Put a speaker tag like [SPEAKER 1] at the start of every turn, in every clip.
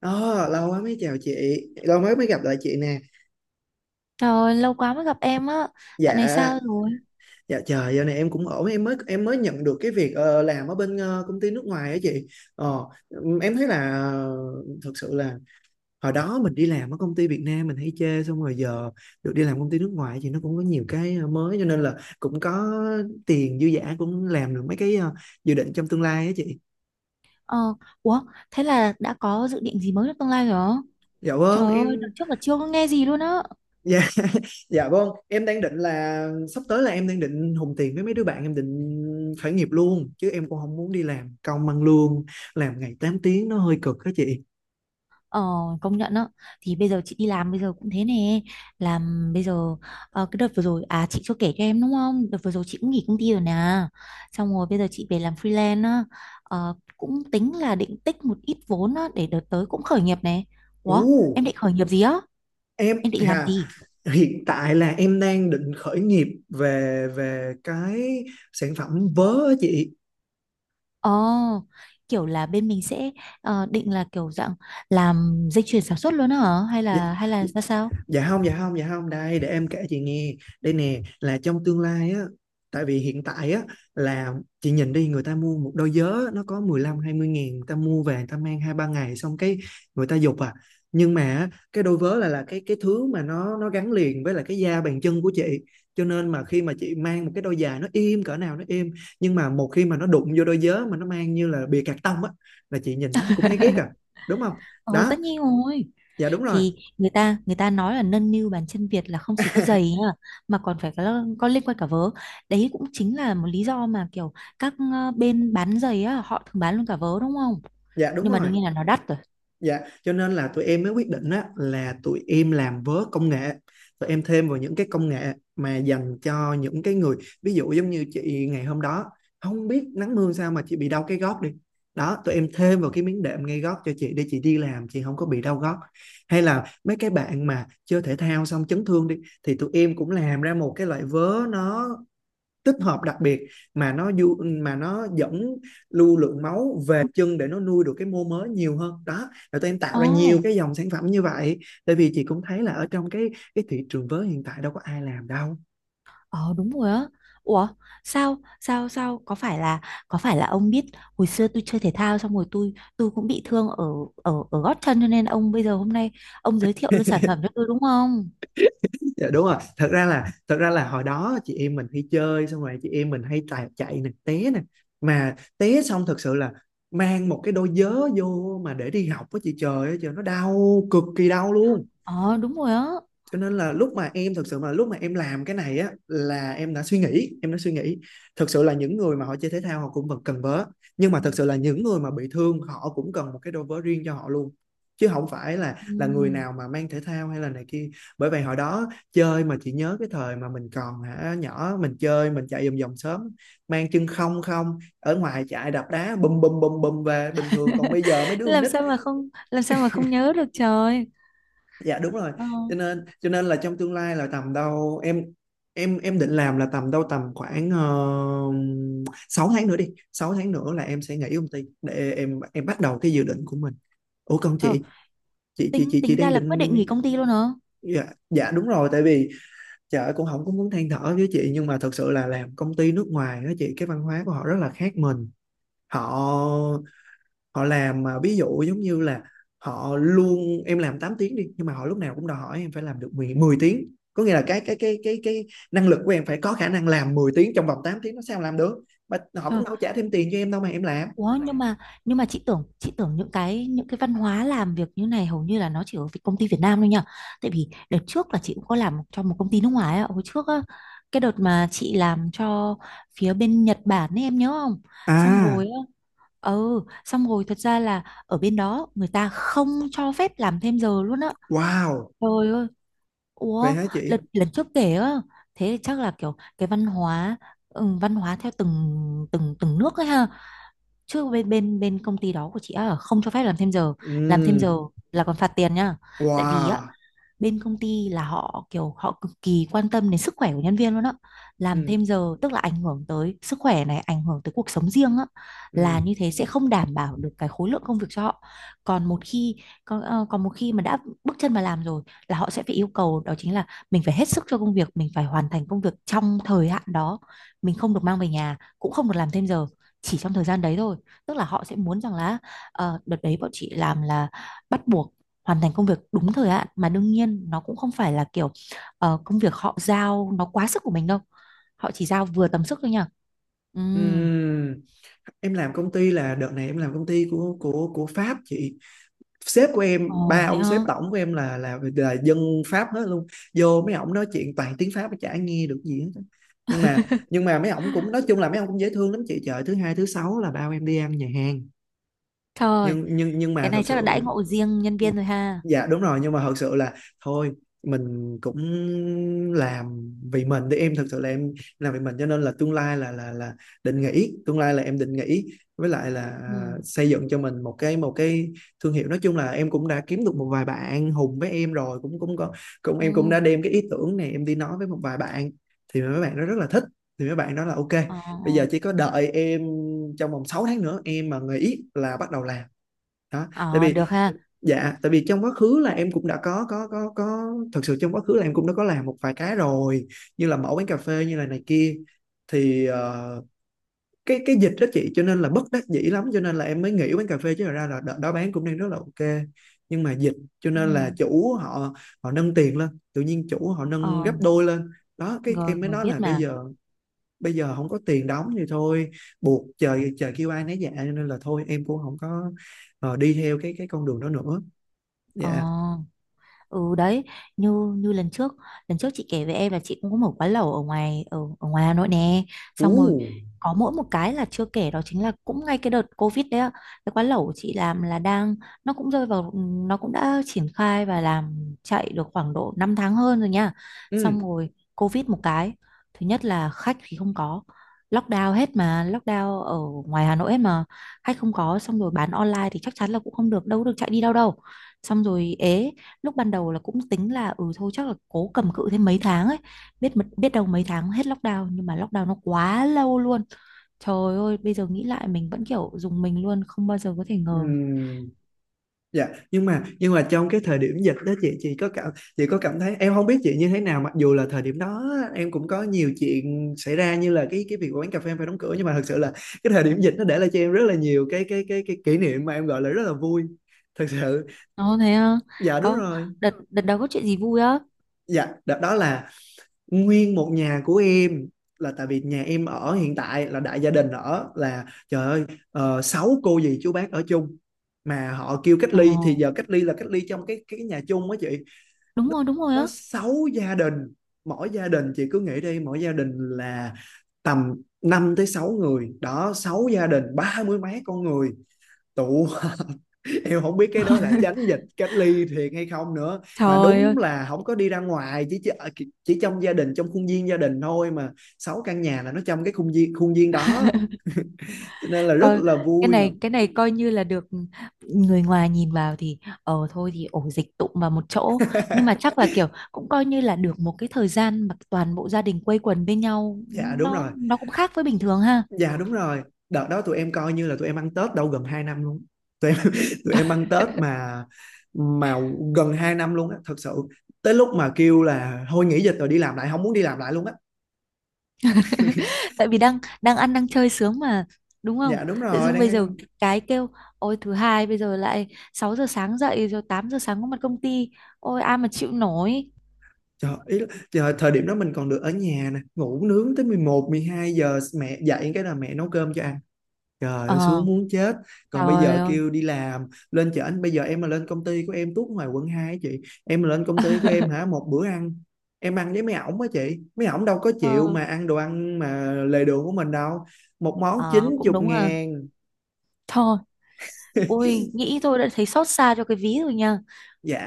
[SPEAKER 1] Ờ, lâu quá mới chào chị, lâu mới mới gặp lại chị nè.
[SPEAKER 2] Trời ơi, lâu quá mới gặp em á. Dạo này
[SPEAKER 1] Dạ,
[SPEAKER 2] sao rồi?
[SPEAKER 1] dạ trời, giờ này em cũng ổn, em mới nhận được cái việc làm ở bên công ty nước ngoài á chị. Em thấy là thực sự là hồi đó mình đi làm ở công ty Việt Nam mình hay chê, xong rồi giờ được đi làm công ty nước ngoài thì nó cũng có nhiều cái mới, cho nên là cũng có tiền dư dả, cũng làm được mấy cái dự định trong tương lai á chị.
[SPEAKER 2] Ờ, ủa, thế là đã có dự định gì mới trong tương lai rồi hả?
[SPEAKER 1] Dạ
[SPEAKER 2] Trời
[SPEAKER 1] vâng,
[SPEAKER 2] ơi, đợt
[SPEAKER 1] em
[SPEAKER 2] trước là chưa có nghe gì luôn á.
[SPEAKER 1] Dạ, dạ vâng. Em đang định là sắp tới là em đang định hùng tiền với mấy đứa bạn, em định khởi nghiệp luôn chứ em cũng không muốn đi làm công ăn lương, làm ngày 8 tiếng nó hơi cực đó chị.
[SPEAKER 2] Ờ, công nhận á. Thì bây giờ chị đi làm bây giờ cũng thế nè. Làm bây giờ, cái đợt vừa rồi, à chị chưa kể cho em đúng không? Đợt vừa rồi chị cũng nghỉ công ty rồi nè. Xong rồi bây giờ chị về làm freelance á. Cũng tính là định tích một ít vốn á, để đợt tới cũng khởi nghiệp này. Ủa,
[SPEAKER 1] Ồ,
[SPEAKER 2] em định khởi nghiệp gì á?
[SPEAKER 1] em
[SPEAKER 2] Em định làm
[SPEAKER 1] à,
[SPEAKER 2] gì?
[SPEAKER 1] hiện tại là em đang định khởi nghiệp về về cái sản phẩm vớ á chị.
[SPEAKER 2] Ồ, kiểu là bên mình sẽ định là kiểu dạng làm dây chuyền sản xuất luôn hả? Hay
[SPEAKER 1] Dạ,
[SPEAKER 2] là hay là
[SPEAKER 1] dạ,
[SPEAKER 2] ra sao?
[SPEAKER 1] dạ không, dạ không, dạ không, đây để em kể chị nghe. Đây nè, là trong tương lai á, tại vì hiện tại á là chị nhìn đi, người ta mua một đôi giớ nó có 15 20 ngàn, người ta mua về người ta mang hai ba ngày xong cái người ta dục à. Nhưng mà á, cái đôi vớ là cái thứ mà nó gắn liền với là cái da bàn chân của chị, cho nên mà khi mà chị mang một cái đôi giày nó im cỡ nào nó im, nhưng mà một khi mà nó đụng vô đôi giớ mà nó mang như là bìa cạc tông á là chị nhìn nó thì cũng thấy ghét à, đúng không?
[SPEAKER 2] Ồ,
[SPEAKER 1] Đó.
[SPEAKER 2] tất nhiên rồi.
[SPEAKER 1] Dạ đúng rồi.
[SPEAKER 2] Thì người ta nói là nâng niu bàn chân Việt là không chỉ có giày nha, mà còn phải có liên quan cả vớ. Đấy cũng chính là một lý do mà kiểu các bên bán giày á, họ thường bán luôn cả vớ đúng không?
[SPEAKER 1] Dạ đúng
[SPEAKER 2] Nhưng mà
[SPEAKER 1] rồi.
[SPEAKER 2] đương nhiên là nó đắt rồi.
[SPEAKER 1] Dạ, cho nên là tụi em mới quyết định á, là tụi em làm vớ công nghệ. Tụi em thêm vào những cái công nghệ mà dành cho những cái người, ví dụ giống như chị ngày hôm đó, không biết nắng mưa sao mà chị bị đau cái gót đi. Đó, tụi em thêm vào cái miếng đệm ngay gót cho chị để chị đi làm, chị không có bị đau gót. Hay là mấy cái bạn mà chơi thể thao xong chấn thương đi, thì tụi em cũng làm ra một cái loại vớ nó tích hợp đặc biệt mà nó du mà nó dẫn lưu lượng máu về chân để nó nuôi được cái mô mới nhiều hơn. Đó, và tụi em tạo
[SPEAKER 2] Ồ.
[SPEAKER 1] ra nhiều cái dòng sản phẩm như vậy, tại vì chị cũng thấy là ở trong cái thị trường vớ hiện tại đâu có ai làm đâu.
[SPEAKER 2] Ờ đúng rồi á. Ủa sao sao sao có phải là ông biết hồi xưa tôi chơi thể thao xong rồi tôi cũng bị thương ở ở ở gót chân cho nên ông bây giờ hôm nay ông giới thiệu luôn sản phẩm cho tôi đúng không?
[SPEAKER 1] Dạ, đúng rồi. Thật ra là hồi đó chị em mình hay chơi, xong rồi chị em mình hay chạy chạy nè, té nè, mà té xong thật sự là mang một cái đôi vớ vô mà để đi học với chị, trời ơi trời, nó đau cực kỳ, đau luôn.
[SPEAKER 2] Ờ đúng rồi á.
[SPEAKER 1] Cho nên là lúc mà em làm cái này á là em đã suy nghĩ, em đã suy nghĩ, thực sự là những người mà họ chơi thể thao họ cũng vẫn cần vớ, nhưng mà thực sự là những người mà bị thương họ cũng cần một cái đôi vớ riêng cho họ luôn, chứ không phải là
[SPEAKER 2] Ừ.
[SPEAKER 1] là người nào mà mang thể thao hay là này kia. Bởi vậy hồi đó chơi, mà chị nhớ cái thời mà mình còn hả nhỏ, mình chơi mình chạy vòng vòng sớm, mang chân không không ở ngoài chạy đập đá bùm bùm bùm bùm về bình thường, còn bây giờ mấy đứa con
[SPEAKER 2] Làm
[SPEAKER 1] nít.
[SPEAKER 2] sao mà không làm sao mà không nhớ được trời.
[SPEAKER 1] Dạ đúng rồi.
[SPEAKER 2] Ờ,
[SPEAKER 1] Cho nên là trong tương lai là tầm đâu em định làm là tầm khoảng 6 tháng nữa đi, 6 tháng nữa là em sẽ nghỉ công ty để em bắt đầu cái dự định của mình. Ủa còn
[SPEAKER 2] trời tính
[SPEAKER 1] chị
[SPEAKER 2] tính ra
[SPEAKER 1] đang
[SPEAKER 2] là quyết định
[SPEAKER 1] định...
[SPEAKER 2] nghỉ công ty luôn hả?
[SPEAKER 1] Dạ. Dạ đúng rồi, tại vì chợ cũng không có muốn than thở với chị, nhưng mà thật sự là làm công ty nước ngoài đó chị, cái văn hóa của họ rất là khác mình. Họ, làm mà ví dụ giống như là họ luôn em làm 8 tiếng đi, nhưng mà họ lúc nào cũng đòi hỏi em phải làm được 10 10 tiếng, có nghĩa là cái năng lực của em phải có khả năng làm 10 tiếng trong vòng 8 tiếng, nó sao làm được, mà họ cũng
[SPEAKER 2] Trời.
[SPEAKER 1] đâu trả thêm tiền cho em đâu mà em làm.
[SPEAKER 2] Ủa nhưng mà chị tưởng những cái văn hóa làm việc như này hầu như là nó chỉ ở công ty Việt Nam thôi nhỉ? Tại vì đợt trước là chị cũng có làm cho một công ty nước ngoài á, hồi trước á, cái đợt mà chị làm cho phía bên Nhật Bản ấy em nhớ không? Xong
[SPEAKER 1] À,
[SPEAKER 2] rồi á, xong rồi thật ra là ở bên đó người ta không cho phép làm thêm giờ luôn á.
[SPEAKER 1] wow.
[SPEAKER 2] Trời ơi.
[SPEAKER 1] Vậy
[SPEAKER 2] Ủa,
[SPEAKER 1] hả chị?
[SPEAKER 2] lần lần trước kể á, thế thì chắc là kiểu cái văn hóa văn hóa theo từng từng từng nước ấy ha, chứ bên bên bên công ty đó của chị á không cho phép làm thêm giờ. Làm thêm
[SPEAKER 1] Ừ.
[SPEAKER 2] giờ là còn phạt tiền nhá, tại vì á
[SPEAKER 1] Wow.
[SPEAKER 2] bên công ty là họ kiểu họ cực kỳ quan tâm đến sức khỏe của nhân viên luôn á. Làm
[SPEAKER 1] Ừ,
[SPEAKER 2] thêm giờ tức là ảnh hưởng tới sức khỏe này, ảnh hưởng tới cuộc sống riêng á,
[SPEAKER 1] ừ,
[SPEAKER 2] là như thế sẽ không đảm bảo được cái khối lượng công việc cho họ. Còn một khi còn một khi mà đã bước chân vào làm rồi là họ sẽ phải yêu cầu đó chính là mình phải hết sức cho công việc, mình phải hoàn thành công việc trong thời hạn đó, mình không được mang về nhà cũng không được làm thêm giờ, chỉ trong thời gian đấy thôi. Tức là họ sẽ muốn rằng là đợt đấy bọn chị làm là bắt buộc hoàn thành công việc đúng thời hạn, mà đương nhiên nó cũng không phải là kiểu công việc họ giao nó quá sức của mình đâu, họ chỉ giao vừa tầm sức thôi nha. Ừ.
[SPEAKER 1] ừ. Em làm công ty là đợt này em làm công ty của Pháp chị. Sếp của em,
[SPEAKER 2] Ồ
[SPEAKER 1] ba
[SPEAKER 2] vậy
[SPEAKER 1] ông sếp
[SPEAKER 2] hả.
[SPEAKER 1] tổng của em là dân Pháp hết luôn. Vô mấy ổng nói chuyện toàn tiếng Pháp mà chả nghe được gì hết. Nhưng mà mấy ổng cũng nói chung là mấy ổng cũng dễ thương lắm chị, trời, thứ hai thứ sáu là bao em đi ăn nhà hàng.
[SPEAKER 2] Trời,
[SPEAKER 1] Nhưng mà
[SPEAKER 2] cái
[SPEAKER 1] thật
[SPEAKER 2] này chắc là đãi
[SPEAKER 1] sự...
[SPEAKER 2] ngộ riêng nhân viên rồi ha.
[SPEAKER 1] Dạ đúng rồi, nhưng mà thật sự là thôi, mình cũng làm vì mình, thì em thật sự là em làm vì mình, cho nên là tương lai là định nghỉ, tương lai là em định nghỉ, với lại là
[SPEAKER 2] Ừ.
[SPEAKER 1] xây dựng cho mình một cái thương hiệu. Nói chung là em cũng đã kiếm được một vài bạn hùng với em rồi, cũng cũng có, cũng em cũng
[SPEAKER 2] Ừ.
[SPEAKER 1] đã đem cái ý tưởng này em đi nói với một vài bạn, thì mấy bạn nó rất là thích, thì mấy bạn nói là OK,
[SPEAKER 2] ờ
[SPEAKER 1] bây giờ chỉ có đợi em trong vòng 6 tháng nữa, em mà nghỉ là bắt đầu làm. Đó tại
[SPEAKER 2] ờ,
[SPEAKER 1] vì...
[SPEAKER 2] được ha.
[SPEAKER 1] Dạ, tại vì trong quá khứ là em cũng đã có, thật sự trong quá khứ là em cũng đã có làm một vài cái rồi, như là mẫu quán cà phê, như là này kia. Thì cái dịch đó chị, cho nên là bất đắc dĩ lắm cho nên là em mới nghỉ quán cà phê, chứ thật ra là đợt đó bán cũng đang rất là OK, nhưng mà dịch, cho nên là
[SPEAKER 2] Ừ.
[SPEAKER 1] chủ họ, họ nâng tiền lên, tự nhiên chủ họ nâng
[SPEAKER 2] Ờ,
[SPEAKER 1] gấp đôi lên. Đó, cái
[SPEAKER 2] rồi
[SPEAKER 1] em mới
[SPEAKER 2] rồi
[SPEAKER 1] nói là
[SPEAKER 2] biết
[SPEAKER 1] bây
[SPEAKER 2] mà.
[SPEAKER 1] giờ, bây giờ không có tiền đóng thì thôi, buộc, trời trời kêu ai nấy dạ, cho nên là thôi em cũng không có đi theo cái con đường đó nữa.
[SPEAKER 2] Ờ.
[SPEAKER 1] Dạ.
[SPEAKER 2] Ừ đấy. Như như lần trước chị kể với em là chị cũng có mở quán lẩu ở ngoài ở, ở ngoài Hà Nội nè, xong rồi
[SPEAKER 1] Ú,
[SPEAKER 2] có mỗi một cái là chưa kể đó chính là cũng ngay cái đợt Covid đấy ạ. Cái quán lẩu của chị làm là đang, nó cũng rơi vào, nó cũng đã triển khai và làm chạy được khoảng độ 5 tháng hơn rồi nha. Xong
[SPEAKER 1] ừ,
[SPEAKER 2] rồi Covid một cái, thứ nhất là khách thì không có, lockdown hết mà, lockdown ở ngoài Hà Nội hết mà, khách không có. Xong rồi bán online thì chắc chắn là cũng không được, đâu có được chạy đi đâu đâu. Xong rồi ế, lúc ban đầu là cũng tính là ừ thôi chắc là cố cầm cự thêm mấy tháng ấy, biết đâu mấy tháng hết lockdown, nhưng mà lockdown nó quá lâu luôn. Trời ơi, bây giờ nghĩ lại mình vẫn kiểu dùng mình luôn, không bao giờ có thể ngờ.
[SPEAKER 1] ừm, dạ. Nhưng mà trong cái thời điểm dịch đó chị có cảm thấy, em không biết chị như thế nào, mặc dù là thời điểm đó em cũng có nhiều chuyện xảy ra, như là cái việc quán cà phê em phải đóng cửa, nhưng mà thật sự là cái thời điểm dịch nó để lại cho em rất là nhiều cái kỷ niệm mà em gọi là rất là vui, thật sự.
[SPEAKER 2] Ồ thế á?
[SPEAKER 1] Dạ đúng
[SPEAKER 2] Có
[SPEAKER 1] rồi.
[SPEAKER 2] đợt đợt đó có chuyện gì vui á?
[SPEAKER 1] Dạ đó, đó là nguyên một nhà của em, là tại vì nhà em ở hiện tại là đại gia đình ở, là trời ơi, sáu cô dì chú bác ở chung, mà họ kêu cách
[SPEAKER 2] Ồ
[SPEAKER 1] ly. Thì giờ cách ly là cách ly trong cái nhà chung á chị,
[SPEAKER 2] đúng rồi, đúng rồi á.
[SPEAKER 1] nó sáu gia đình, mỗi gia đình chị cứ nghĩ đi, mỗi gia đình là tầm 5 tới 6 người đó, sáu gia đình ba mươi mấy con người tụ. Hiếu không biết cái đó là tránh dịch cách ly thiệt hay không nữa, mà
[SPEAKER 2] Trời
[SPEAKER 1] đúng
[SPEAKER 2] ơi.
[SPEAKER 1] là không có đi ra ngoài, chỉ chỉ trong gia đình, trong khuôn viên gia đình thôi mà, 6 căn nhà là nó trong cái khuôn viên đó, cho nên là rất
[SPEAKER 2] Coi cái,
[SPEAKER 1] là
[SPEAKER 2] ờ,
[SPEAKER 1] vui.
[SPEAKER 2] này cái này coi như là được, người ngoài nhìn vào thì thôi thì ổ dịch tụm vào một chỗ, nhưng mà chắc là kiểu cũng coi như là được một cái thời gian mà toàn bộ gia đình quây quần bên nhau,
[SPEAKER 1] Dạ, đúng
[SPEAKER 2] nó
[SPEAKER 1] rồi.
[SPEAKER 2] cũng khác với bình thường ha.
[SPEAKER 1] Dạ, đúng rồi, đợt đó tụi em coi như là tụi em ăn Tết đâu gần 2 năm luôn. Tụi em tụi em ăn Tết mà gần 2 năm luôn á, thật sự, tới lúc mà kêu là thôi nghỉ dịch rồi đi làm lại, không muốn đi làm lại luôn á.
[SPEAKER 2] Tại vì đang đang ăn đang chơi sướng mà, đúng
[SPEAKER 1] Dạ,
[SPEAKER 2] không?
[SPEAKER 1] đúng
[SPEAKER 2] Tự
[SPEAKER 1] rồi,
[SPEAKER 2] dưng bây giờ
[SPEAKER 1] đang...
[SPEAKER 2] cái kêu ôi thứ hai bây giờ lại 6 giờ sáng dậy rồi 8 giờ sáng có mặt công ty, ôi ai mà chịu nổi.
[SPEAKER 1] Trời, ý là trời, thời điểm đó mình còn được ở nhà nè, ngủ nướng tới 11, 12 giờ, mẹ dậy cái là mẹ nấu cơm cho ăn. Trời ơi
[SPEAKER 2] Ờ.
[SPEAKER 1] sướng muốn chết. Còn bây
[SPEAKER 2] Trời
[SPEAKER 1] giờ
[SPEAKER 2] ơi.
[SPEAKER 1] kêu đi làm, lên chợ anh bây giờ em mà lên công ty của em tuốt ngoài quận 2 á chị. Em mà lên công ty của em hả, một bữa ăn em ăn với mấy ổng á chị. Mấy ổng đâu có chịu
[SPEAKER 2] ờ,
[SPEAKER 1] mà ăn đồ ăn mà lề đường của mình đâu. Một món chín
[SPEAKER 2] ờ cũng
[SPEAKER 1] chục
[SPEAKER 2] đúng à.
[SPEAKER 1] ngàn.
[SPEAKER 2] Thôi, ui nghĩ thôi đã thấy xót xa cho cái ví rồi nha.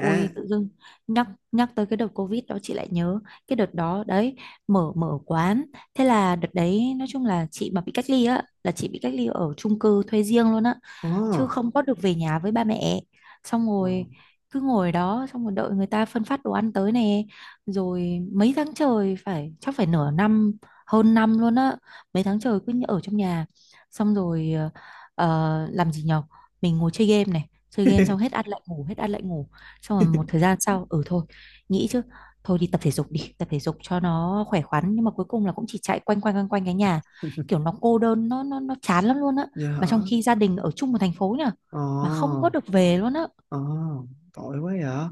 [SPEAKER 2] Ui tự dưng nhắc nhắc tới cái đợt Covid đó chị lại nhớ cái đợt đó đấy, mở mở quán. Thế là đợt đấy nói chung là chị mà bị cách ly á là chị bị cách ly ở chung cư thuê riêng luôn á,
[SPEAKER 1] Ồ.
[SPEAKER 2] chứ không có được về nhà với ba mẹ. Xong
[SPEAKER 1] Ồ.
[SPEAKER 2] rồi cứ ngồi đó xong rồi đợi người ta phân phát đồ ăn tới nè, rồi mấy tháng trời, phải chắc phải nửa năm, hơn năm luôn á, mấy tháng trời cứ ở trong nhà. Xong rồi, làm gì nhở, mình ngồi chơi game này, chơi game xong hết ăn lại ngủ, hết ăn lại ngủ. Xong rồi một thời gian sau ừ thôi nghĩ chứ, thôi đi tập thể dục, đi tập thể dục cho nó khỏe khoắn, nhưng mà cuối cùng là cũng chỉ chạy quanh quanh quanh quanh cái nhà, kiểu nó cô đơn, nó chán lắm luôn á.
[SPEAKER 1] Dạ
[SPEAKER 2] Mà trong
[SPEAKER 1] hả?
[SPEAKER 2] khi gia đình ở chung một thành phố nhở, mà không
[SPEAKER 1] Ồ.
[SPEAKER 2] có được về luôn á.
[SPEAKER 1] Ồ. Tội quá vậy.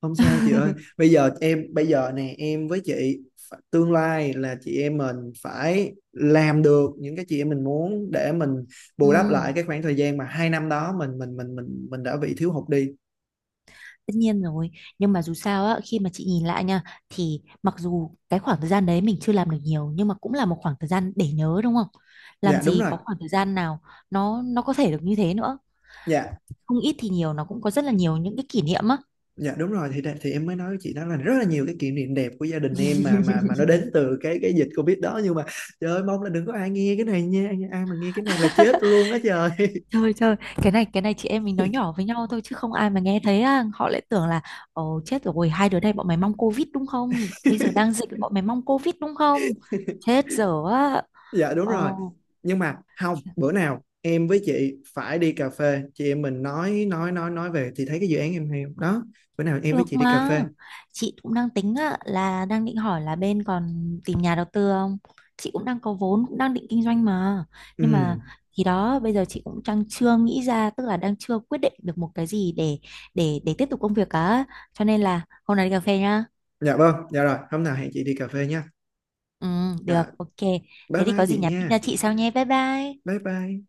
[SPEAKER 1] Không sao chị ơi, bây giờ em, bây giờ nè em với chị phải- tương lai là chị em mình phải làm được những cái chị em mình muốn để mình
[SPEAKER 2] Ừ,
[SPEAKER 1] bù đắp lại cái khoảng thời gian mà 2 năm đó mình đã bị thiếu hụt đi.
[SPEAKER 2] tất nhiên rồi. Nhưng mà dù sao á, khi mà chị nhìn lại nha, thì mặc dù cái khoảng thời gian đấy mình chưa làm được nhiều, nhưng mà cũng là một khoảng thời gian để nhớ đúng không?
[SPEAKER 1] Dạ
[SPEAKER 2] Làm
[SPEAKER 1] đúng
[SPEAKER 2] gì
[SPEAKER 1] rồi.
[SPEAKER 2] có khoảng thời gian nào nó có thể được như thế nữa.
[SPEAKER 1] Dạ
[SPEAKER 2] Không ít thì nhiều nó cũng có rất là nhiều những cái kỷ niệm á.
[SPEAKER 1] dạ đúng rồi, thì em mới nói với chị đó là rất là nhiều cái kỷ niệm đẹp của gia đình em, mà nó đến từ cái dịch Covid đó, nhưng mà trời ơi mong là đừng có ai nghe cái này nha, ai mà nghe cái này là chết luôn á trời.
[SPEAKER 2] Trời trời, cái này chị em mình nói nhỏ với nhau thôi chứ không ai mà nghe thấy á, họ lại tưởng là ồ chết rồi, hai đứa này bọn mày mong Covid đúng không? Bây giờ đang dịch bọn mày mong Covid đúng không? Chết dở á.
[SPEAKER 1] Dạ đúng rồi,
[SPEAKER 2] Ồ,
[SPEAKER 1] nhưng mà không, bữa nào em với chị phải đi cà phê, chị em mình nói về thì thấy cái dự án em hay không? Đó, bữa nào em với
[SPEAKER 2] được
[SPEAKER 1] chị đi cà
[SPEAKER 2] mà.
[SPEAKER 1] phê.
[SPEAKER 2] Chị cũng đang tính á là đang định hỏi là bên còn tìm nhà đầu tư không? Chị cũng đang có vốn, cũng đang định kinh doanh mà. Nhưng mà
[SPEAKER 1] Ừ.
[SPEAKER 2] thì đó, bây giờ chị cũng đang chưa nghĩ ra, tức là đang chưa quyết định được một cái gì để tiếp tục công việc cả, cho nên là hôm nay đi cà phê nhá.
[SPEAKER 1] Dạ vâng, dạ rồi, hôm nào hẹn chị đi cà phê nha.
[SPEAKER 2] Ừ, được,
[SPEAKER 1] Dạ.
[SPEAKER 2] ok.
[SPEAKER 1] Bye
[SPEAKER 2] Thế thì
[SPEAKER 1] bye
[SPEAKER 2] có gì
[SPEAKER 1] chị
[SPEAKER 2] nhắn tin cho
[SPEAKER 1] nha.
[SPEAKER 2] chị sau nhé. Bye bye.
[SPEAKER 1] Bye bye.